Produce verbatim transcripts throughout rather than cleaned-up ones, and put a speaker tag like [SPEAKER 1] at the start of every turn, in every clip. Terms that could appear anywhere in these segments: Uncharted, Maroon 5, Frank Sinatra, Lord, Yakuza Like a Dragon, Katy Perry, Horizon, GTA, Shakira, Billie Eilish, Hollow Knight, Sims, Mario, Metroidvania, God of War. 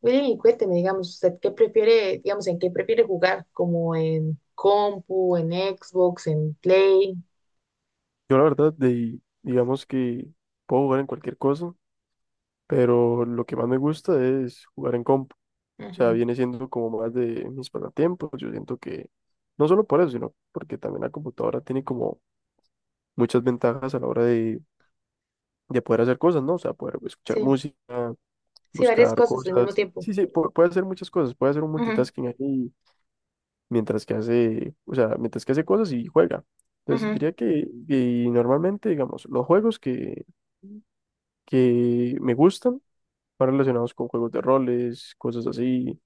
[SPEAKER 1] William, y cuénteme, digamos, ¿usted qué prefiere, digamos, en qué prefiere jugar? ¿Como en compu, en Xbox, en Play?
[SPEAKER 2] Yo la verdad, de, digamos que puedo jugar en cualquier cosa, pero lo que más me gusta es jugar en comp. O sea,
[SPEAKER 1] Ujú.
[SPEAKER 2] viene siendo como más de mis pasatiempos. Yo siento que no solo por eso, sino porque también la computadora tiene como muchas ventajas a la hora de, de poder hacer cosas, ¿no? O sea, poder escuchar
[SPEAKER 1] Sí,
[SPEAKER 2] música,
[SPEAKER 1] sí, varias
[SPEAKER 2] buscar
[SPEAKER 1] cosas al mismo
[SPEAKER 2] cosas.
[SPEAKER 1] tiempo.
[SPEAKER 2] Sí, sí, pu- puede hacer muchas cosas. Puede hacer un
[SPEAKER 1] Ujú.
[SPEAKER 2] multitasking ahí mientras que hace, o sea, mientras que hace cosas y juega. Entonces,
[SPEAKER 1] Ujú.
[SPEAKER 2] diría que, y normalmente, digamos, los juegos que... que me gustan, más relacionados con juegos de roles, cosas así.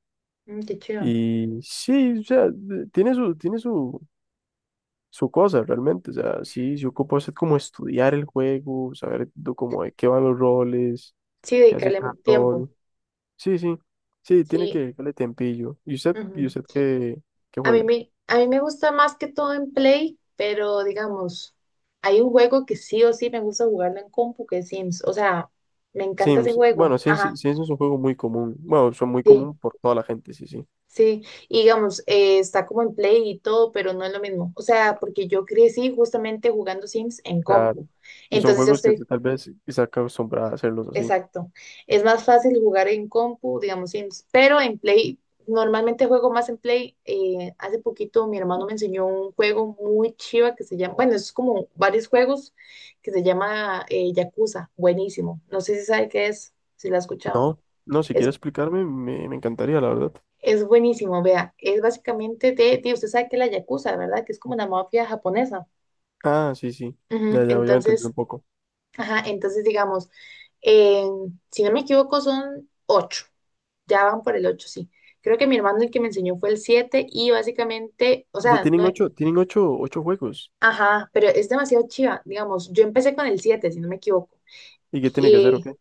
[SPEAKER 1] Mm, qué chido.
[SPEAKER 2] Y sí, o sea, de- tiene su, tiene su, su cosa realmente. O sea, sí, se ocupa usted como estudiar el juego, saber do- como de qué van los roles,
[SPEAKER 1] Sí,
[SPEAKER 2] qué hace
[SPEAKER 1] dedicarle
[SPEAKER 2] cada
[SPEAKER 1] tiempo.
[SPEAKER 2] rol. Sí, sí, sí, tiene
[SPEAKER 1] Sí.
[SPEAKER 2] que darle tempillo. ¿Y usted,
[SPEAKER 1] Ujú.
[SPEAKER 2] y usted qué, qué
[SPEAKER 1] A mí
[SPEAKER 2] juega?
[SPEAKER 1] me, a mí me gusta más que todo en Play, pero digamos, hay un juego que sí o sí me gusta jugarlo en compu, que es Sims. O sea, me encanta ese
[SPEAKER 2] Sims.
[SPEAKER 1] juego.
[SPEAKER 2] Bueno, Sims,
[SPEAKER 1] Ajá.
[SPEAKER 2] Sims es un juego muy común. Bueno, son muy
[SPEAKER 1] Sí.
[SPEAKER 2] común por toda la gente, sí, sí.
[SPEAKER 1] Sí, y digamos, eh, está como en Play y todo, pero no es lo mismo. O sea, porque yo crecí justamente jugando Sims en
[SPEAKER 2] Claro.
[SPEAKER 1] compu.
[SPEAKER 2] Y son
[SPEAKER 1] Entonces yo
[SPEAKER 2] juegos que
[SPEAKER 1] estoy,
[SPEAKER 2] tal vez está acostumbrada a hacerlos así.
[SPEAKER 1] exacto. Es más fácil jugar en compu, digamos, Sims, pero en Play, normalmente juego más en Play. Eh, hace poquito mi hermano me enseñó un juego muy chiva que se llama, bueno, es como varios juegos que se llama eh, Yakuza. Buenísimo. No sé si sabe qué es, si lo ha escuchado.
[SPEAKER 2] No, no, si quieres explicarme, me, me encantaría, la verdad.
[SPEAKER 1] Es buenísimo, vea, es básicamente de, de- usted sabe que la Yakuza, ¿verdad? Que es como una mafia japonesa.
[SPEAKER 2] Ah, sí, sí.
[SPEAKER 1] Ujú.
[SPEAKER 2] Ya, ya, ya entendí un
[SPEAKER 1] Entonces,
[SPEAKER 2] poco.
[SPEAKER 1] ajá, entonces digamos, en- si no me equivoco son ocho, ya van por el ocho, sí. Creo que mi hermano el que me enseñó fue el siete y básicamente, o
[SPEAKER 2] O sea,
[SPEAKER 1] sea,
[SPEAKER 2] tienen
[SPEAKER 1] no,
[SPEAKER 2] ocho, tienen ocho, ocho juegos.
[SPEAKER 1] ajá, pero es demasiado chiva, digamos, yo empecé con el siete, si no me equivoco.
[SPEAKER 2] ¿Y qué tiene que hacer o
[SPEAKER 1] Y
[SPEAKER 2] qué?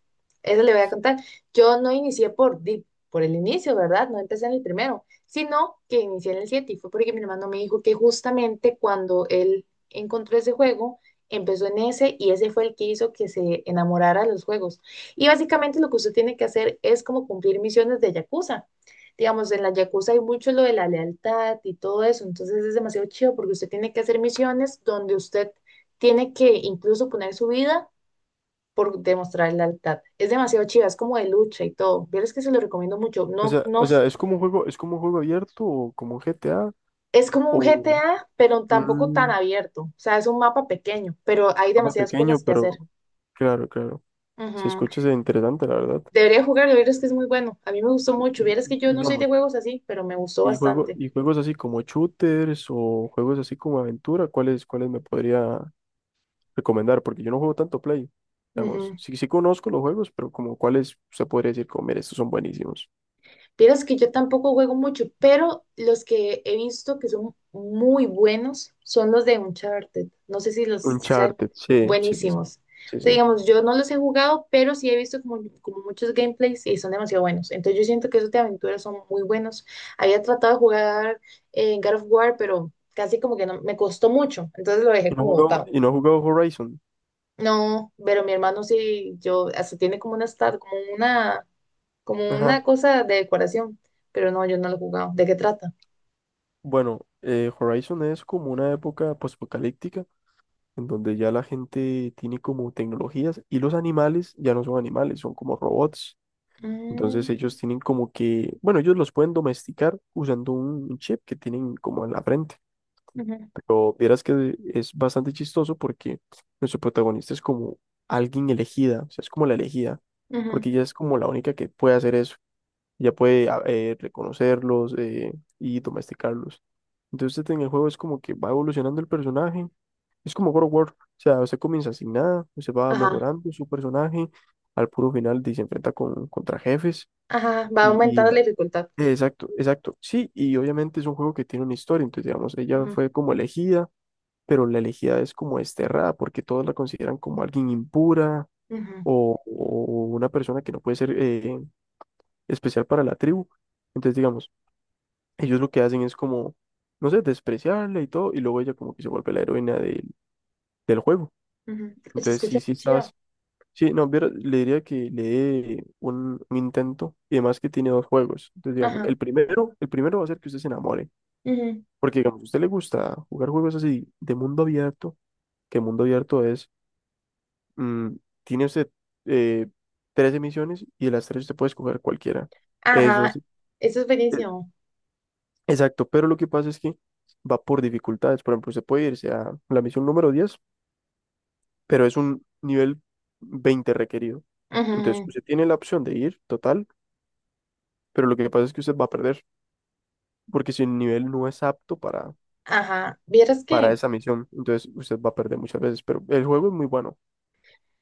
[SPEAKER 1] eso le voy a contar. Yo no inicié por, di- por el inicio, ¿verdad? No empecé en el primero, sino que inicié en el siete y fue porque mi hermano me dijo que justamente cuando él encontró ese juego, empezó en ese y ese fue el que hizo que se enamorara de los juegos. Y básicamente lo que usted tiene que hacer es como cumplir misiones de Yakuza. Digamos, en la Yakuza hay mucho lo de la lealtad y todo eso, entonces es demasiado chido porque usted tiene que hacer misiones donde usted tiene que incluso poner su vida por demostrar lealtad. Es demasiado chiva, es como de lucha y todo. Vieres que se lo recomiendo mucho.
[SPEAKER 2] O
[SPEAKER 1] No,
[SPEAKER 2] sea,
[SPEAKER 1] no,
[SPEAKER 2] o
[SPEAKER 1] s-
[SPEAKER 2] sea, es como un juego, es como un juego abierto o como un G T A
[SPEAKER 1] es como un
[SPEAKER 2] o
[SPEAKER 1] G T A, pero tampoco tan
[SPEAKER 2] un
[SPEAKER 1] abierto. O sea, es un mapa pequeño, pero hay
[SPEAKER 2] mapa
[SPEAKER 1] demasiadas
[SPEAKER 2] pequeño,
[SPEAKER 1] cosas que
[SPEAKER 2] pero
[SPEAKER 1] hacer.
[SPEAKER 2] claro, claro. Si
[SPEAKER 1] Ujú.
[SPEAKER 2] escuchas es interesante, la verdad.
[SPEAKER 1] Debería jugarlo, vieres que es muy bueno. A mí me gustó
[SPEAKER 2] Y,
[SPEAKER 1] mucho. Vieres
[SPEAKER 2] y-
[SPEAKER 1] que
[SPEAKER 2] y
[SPEAKER 1] yo no soy de
[SPEAKER 2] digamos,
[SPEAKER 1] juegos así, pero me gustó
[SPEAKER 2] y juego,
[SPEAKER 1] bastante.
[SPEAKER 2] y juegos así como shooters o juegos así como aventura, ¿cuáles, cuáles me podría recomendar? Porque yo no juego tanto Play. Digamos,
[SPEAKER 1] Ujú.
[SPEAKER 2] sí, sí conozco los juegos, pero como cuáles se podría decir, como, mira, estos son buenísimos.
[SPEAKER 1] Vieras que yo tampoco juego mucho, pero los que he visto que son muy buenos son los de Uncharted. No sé si los si saben,
[SPEAKER 2] Uncharted, sí, sí, sí,
[SPEAKER 1] buenísimos.
[SPEAKER 2] sí, sí.
[SPEAKER 1] O sea,
[SPEAKER 2] Sí.
[SPEAKER 1] digamos, yo no los he jugado, pero sí he visto como, como muchos gameplays y son demasiado buenos. Entonces yo siento que esos de aventuras son muy buenos. Había tratado de jugar en God of War, pero casi como que no, me costó mucho, entonces lo dejé
[SPEAKER 2] Y no he
[SPEAKER 1] como
[SPEAKER 2] jugado,
[SPEAKER 1] botado.
[SPEAKER 2] y no he jugado Horizon.
[SPEAKER 1] No, pero mi hermano sí, yo, hasta tiene como una, esta- como una como una
[SPEAKER 2] Ajá.
[SPEAKER 1] cosa de decoración, pero no, yo no lo he jugado. ¿De qué trata?
[SPEAKER 2] Bueno, eh, Horizon es como una época postapocalíptica en donde ya la gente tiene como tecnologías y los animales ya no son animales, son como robots.
[SPEAKER 1] Mm.
[SPEAKER 2] Entonces ellos tienen como que, bueno, ellos los pueden domesticar usando un un chip que tienen como en la frente.
[SPEAKER 1] Ujú.
[SPEAKER 2] Pero vieras que es bastante chistoso porque nuestro protagonista es como alguien elegida, o sea, es como la elegida,
[SPEAKER 1] Ujú.
[SPEAKER 2] porque ella es como la única que puede hacer eso. Ella puede a- eh, reconocerlos, eh, y domesticarlos. Entonces en el juego es como que va evolucionando el personaje. Es como God of War, o sea, usted comienza sin nada, usted va
[SPEAKER 1] Ajá.
[SPEAKER 2] mejorando su personaje, al puro final de- se enfrenta con, contra jefes.
[SPEAKER 1] Ajá, va
[SPEAKER 2] Y, y
[SPEAKER 1] aumentando
[SPEAKER 2] la-
[SPEAKER 1] la dificultad.
[SPEAKER 2] eh, exacto, exacto. Sí, y obviamente es un juego que tiene una historia, entonces digamos, ella
[SPEAKER 1] Ujú.
[SPEAKER 2] fue como elegida pero la elegida es como desterrada porque todos la consideran como alguien impura
[SPEAKER 1] Ujú.
[SPEAKER 2] o, o una persona que no puede ser, eh, especial para la tribu. Entonces, digamos, ellos lo que hacen es como, no sé, despreciarla y todo, y luego ella como que se vuelve la heroína del, del juego.
[SPEAKER 1] Ujú. Se
[SPEAKER 2] Entonces,
[SPEAKER 1] escucha
[SPEAKER 2] sí, sí,
[SPEAKER 1] muy chido.
[SPEAKER 2] estabas. Sí, no, viera- le diría que le dé un, un intento y además que tiene dos juegos. Entonces, digamos, el
[SPEAKER 1] Ajá.
[SPEAKER 2] primero, el primero va a ser que usted se enamore,
[SPEAKER 1] Ujú.
[SPEAKER 2] porque digamos, a usted le gusta jugar juegos así de mundo abierto, que mundo abierto es mm, tiene usted eh, trece misiones y de las tres usted puede escoger cualquiera. Eso es,
[SPEAKER 1] Ajá, eso es
[SPEAKER 2] eh,
[SPEAKER 1] buenísimo.
[SPEAKER 2] exacto, pero lo que pasa es que va por dificultades. Por ejemplo, usted puede irse a la misión número diez pero es un nivel veinte requerido.
[SPEAKER 1] Ujú. Ujú.
[SPEAKER 2] Entonces, usted tiene la opción de ir total, pero lo que pasa es que usted va a perder, porque si el nivel no es apto para,
[SPEAKER 1] Ajá, vieras
[SPEAKER 2] para
[SPEAKER 1] que
[SPEAKER 2] esa misión, entonces usted va a perder muchas veces. Pero el juego es muy bueno,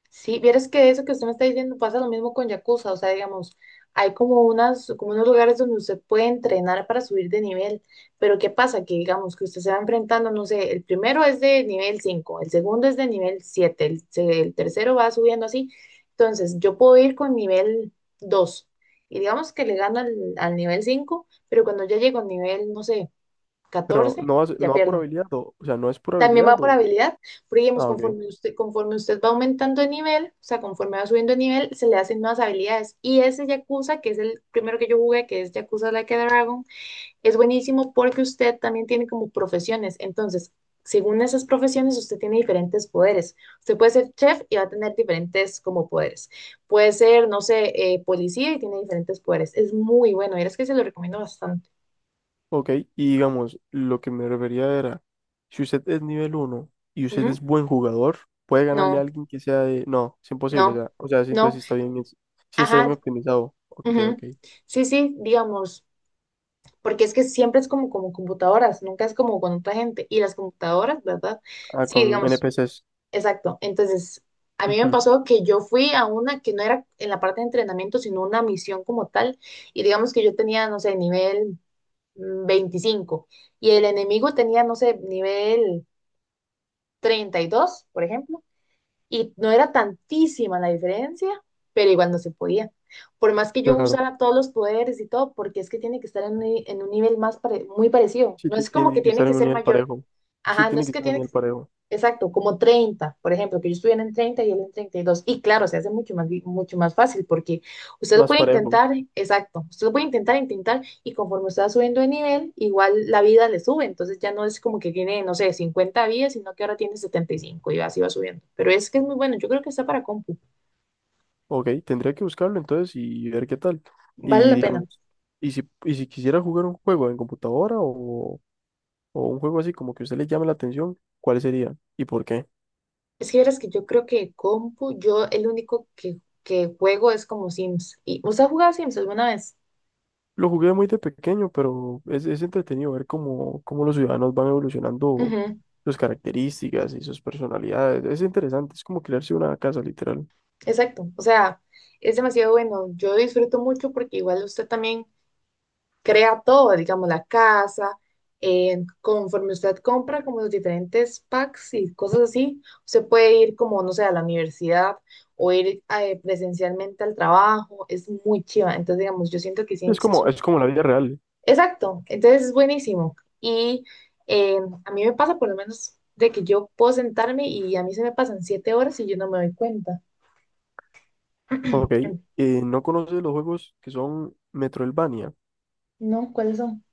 [SPEAKER 1] sí, vieras que eso que usted me está diciendo pasa lo mismo con Yakuza, o sea, digamos, hay como unas, como unos lugares donde usted puede entrenar para subir de nivel, pero ¿qué pasa? Que digamos que usted se va enfrentando, no sé, el primero es de nivel cinco, el segundo es de nivel siete, el, se- el tercero va subiendo así, entonces yo puedo ir con nivel dos y digamos que le gano al, al nivel cinco, pero cuando ya llego al nivel, no sé,
[SPEAKER 2] pero
[SPEAKER 1] catorce
[SPEAKER 2] no, va a ser-
[SPEAKER 1] ya
[SPEAKER 2] no va por
[SPEAKER 1] pierdo.
[SPEAKER 2] habilidad, o, o sea, no es por
[SPEAKER 1] También va
[SPEAKER 2] habilidad.
[SPEAKER 1] por
[SPEAKER 2] O,
[SPEAKER 1] habilidad, porque digamos,
[SPEAKER 2] ah, ok.
[SPEAKER 1] conforme usted, conforme usted va aumentando de nivel, o sea, conforme va subiendo de nivel, se le hacen nuevas habilidades. Y ese Yakuza, que es el primero que yo jugué, que es Yakuza Like a Dragon, es buenísimo porque usted también tiene como profesiones. Entonces, según esas profesiones, usted tiene diferentes poderes. Usted puede ser chef y va a tener diferentes como poderes. Puede ser, no sé, eh, policía y tiene diferentes poderes. Es muy bueno, y es que se lo recomiendo bastante.
[SPEAKER 2] Ok, y digamos, lo que me refería era, si usted es nivel uno y usted
[SPEAKER 1] Ujú.
[SPEAKER 2] es buen jugador, puede ganarle a
[SPEAKER 1] No,
[SPEAKER 2] alguien que sea de... No, es imposible, o
[SPEAKER 1] no,
[SPEAKER 2] sea, o sea, sí, entonces
[SPEAKER 1] no.
[SPEAKER 2] sí está bien, es- sí está
[SPEAKER 1] Ajá.
[SPEAKER 2] bien optimizado. Ok,
[SPEAKER 1] Ujú.
[SPEAKER 2] ok.
[SPEAKER 1] Sí, sí, digamos, porque es que siempre es como, como computadoras, nunca es como con otra gente. Y las computadoras, ¿verdad?
[SPEAKER 2] Ah,
[SPEAKER 1] Sí,
[SPEAKER 2] con N
[SPEAKER 1] digamos,
[SPEAKER 2] NPCs.
[SPEAKER 1] exacto. Entonces, a mí me
[SPEAKER 2] Ujú,
[SPEAKER 1] pasó que yo fui a una que no era en la parte de entrenamiento, sino una misión como tal. Y digamos que yo tenía, no sé, nivel mm, veinticinco y el enemigo tenía, no sé, nivel treinta y dos, por ejemplo, y no era tantísima la diferencia, pero igual no se podía. Por más que yo
[SPEAKER 2] claro.
[SPEAKER 1] usara todos los poderes y todo, porque es que tiene que estar en un, en un, nivel más pare- muy parecido.
[SPEAKER 2] Sí,
[SPEAKER 1] No
[SPEAKER 2] ti-
[SPEAKER 1] es como que
[SPEAKER 2] tiene que
[SPEAKER 1] tiene
[SPEAKER 2] estar
[SPEAKER 1] que
[SPEAKER 2] en un
[SPEAKER 1] ser
[SPEAKER 2] nivel
[SPEAKER 1] mayor.
[SPEAKER 2] parejo. Sí,
[SPEAKER 1] Ajá, no
[SPEAKER 2] tiene
[SPEAKER 1] es
[SPEAKER 2] que
[SPEAKER 1] que
[SPEAKER 2] estar en un
[SPEAKER 1] tiene que.
[SPEAKER 2] nivel parejo.
[SPEAKER 1] Exacto, como treinta, por ejemplo, que yo estuviera en treinta y él en treinta y dos. Y claro, se hace mucho más, vi- mucho más fácil porque usted lo
[SPEAKER 2] Más
[SPEAKER 1] puede
[SPEAKER 2] parejo.
[SPEAKER 1] intentar, exacto, usted lo puede intentar, intentar y conforme usted va subiendo de nivel, igual la vida le sube. Entonces ya no es como que tiene, no sé, cincuenta vidas, sino que ahora tiene setenta y cinco y cinco y así va subiendo. Pero es que es muy bueno, yo creo que está para compu,
[SPEAKER 2] Ok, tendría que buscarlo entonces y ver qué tal.
[SPEAKER 1] vale
[SPEAKER 2] Y
[SPEAKER 1] la pena.
[SPEAKER 2] digamos, y si, y si quisiera jugar un juego en computadora o, o un juego así como que a usted le llame la atención, ¿cuál sería y por qué?
[SPEAKER 1] Es que verás que yo creo que compu, yo el único que, que juego es como Sims. ¿Y usted ha jugado Sims alguna vez?
[SPEAKER 2] Lo jugué muy de pequeño, pero es, es entretenido ver cómo, cómo los ciudadanos van evolucionando
[SPEAKER 1] Ujú.
[SPEAKER 2] sus características y sus personalidades. Es interesante, es como crearse una casa, literal.
[SPEAKER 1] Exacto, o sea, es demasiado bueno. Yo disfruto mucho porque igual usted también crea todo, digamos, la casa, eh, conforme usted compra como los diferentes packs y cosas así, usted puede ir como, no sé, a la universidad o ir eh, presencialmente al trabajo, es muy chiva. Entonces, digamos, yo siento que sí,
[SPEAKER 2] Es
[SPEAKER 1] es
[SPEAKER 2] como,
[SPEAKER 1] un.
[SPEAKER 2] es como la vida real.
[SPEAKER 1] Exacto, entonces es buenísimo. Y eh, a mí me pasa por lo menos de que yo puedo sentarme y a mí se me pasan siete horas y yo no me doy cuenta.
[SPEAKER 2] Ok, eh, ¿no conoces los juegos que son Metroidvania?
[SPEAKER 1] No, ¿cuáles son?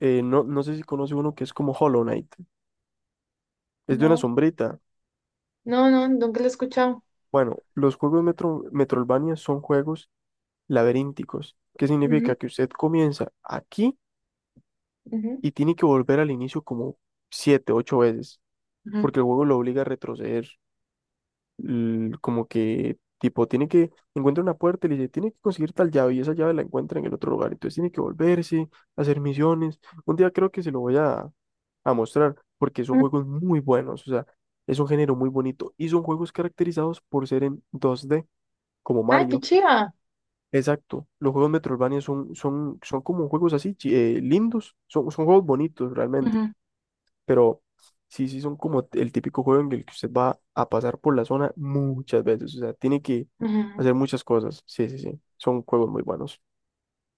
[SPEAKER 2] Eh, no, no sé si conoce uno que es como Hollow Knight. Es de una
[SPEAKER 1] No,
[SPEAKER 2] sombrita.
[SPEAKER 1] no, no, nunca lo he escuchado.
[SPEAKER 2] Bueno, los juegos Metro, Metroidvania son juegos laberínticos, que
[SPEAKER 1] Ujú.
[SPEAKER 2] significa que usted comienza aquí
[SPEAKER 1] Ujú.
[SPEAKER 2] y tiene que volver al inicio como siete, ocho veces,
[SPEAKER 1] Ujú.
[SPEAKER 2] porque el juego lo obliga a retroceder. l- Como que, tipo, tiene que encuentra una puerta y le dice, tiene que conseguir tal llave y esa llave la encuentra en el otro lugar. Entonces tiene que volverse, hacer misiones. Un día creo que se lo voy a, a mostrar porque son
[SPEAKER 1] Ujú.
[SPEAKER 2] juegos muy buenos. O sea, es un género muy bonito y son juegos caracterizados por ser en dos D, como
[SPEAKER 1] Ay, qué
[SPEAKER 2] Mario.
[SPEAKER 1] chiva.
[SPEAKER 2] Exacto, los juegos Metroidvania son, son, son como juegos así, chi- eh, lindos, son, son juegos bonitos realmente
[SPEAKER 1] Ujú.
[SPEAKER 2] pero sí, sí son como el típico juego en el que usted va a pasar por la zona muchas veces, o sea, tiene que
[SPEAKER 1] Ujú. Ujú.
[SPEAKER 2] hacer muchas cosas, sí, sí, sí, son juegos muy buenos.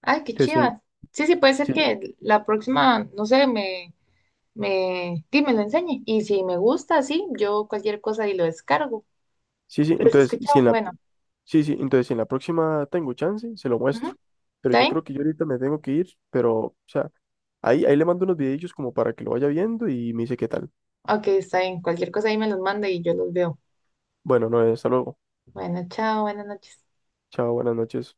[SPEAKER 1] Ay, qué
[SPEAKER 2] Entonces,
[SPEAKER 1] chiva. Sí, sí, puede ser
[SPEAKER 2] sí, sí,
[SPEAKER 1] que la próxima, no sé, me, me, sí, me lo enseñe. Y si me gusta, sí, yo cualquier cosa y lo descargo.
[SPEAKER 2] sí, sí,
[SPEAKER 1] Pero si he
[SPEAKER 2] entonces, si
[SPEAKER 1] escuchado,
[SPEAKER 2] en la,
[SPEAKER 1] bueno,
[SPEAKER 2] sí, sí, entonces, si en la próxima tengo chance, se lo muestro,
[SPEAKER 1] ujú.
[SPEAKER 2] pero
[SPEAKER 1] ¿Está
[SPEAKER 2] yo
[SPEAKER 1] bien?
[SPEAKER 2] creo que yo ahorita me tengo que ir, pero, o sea, ahí, ahí le mando unos videillos como para que lo vaya viendo y me dice qué tal.
[SPEAKER 1] Ok, está bien. Cualquier cosa ahí me los manda y yo los veo.
[SPEAKER 2] Bueno, no, hasta luego,
[SPEAKER 1] Bueno, chao, buenas noches.
[SPEAKER 2] chao, buenas noches.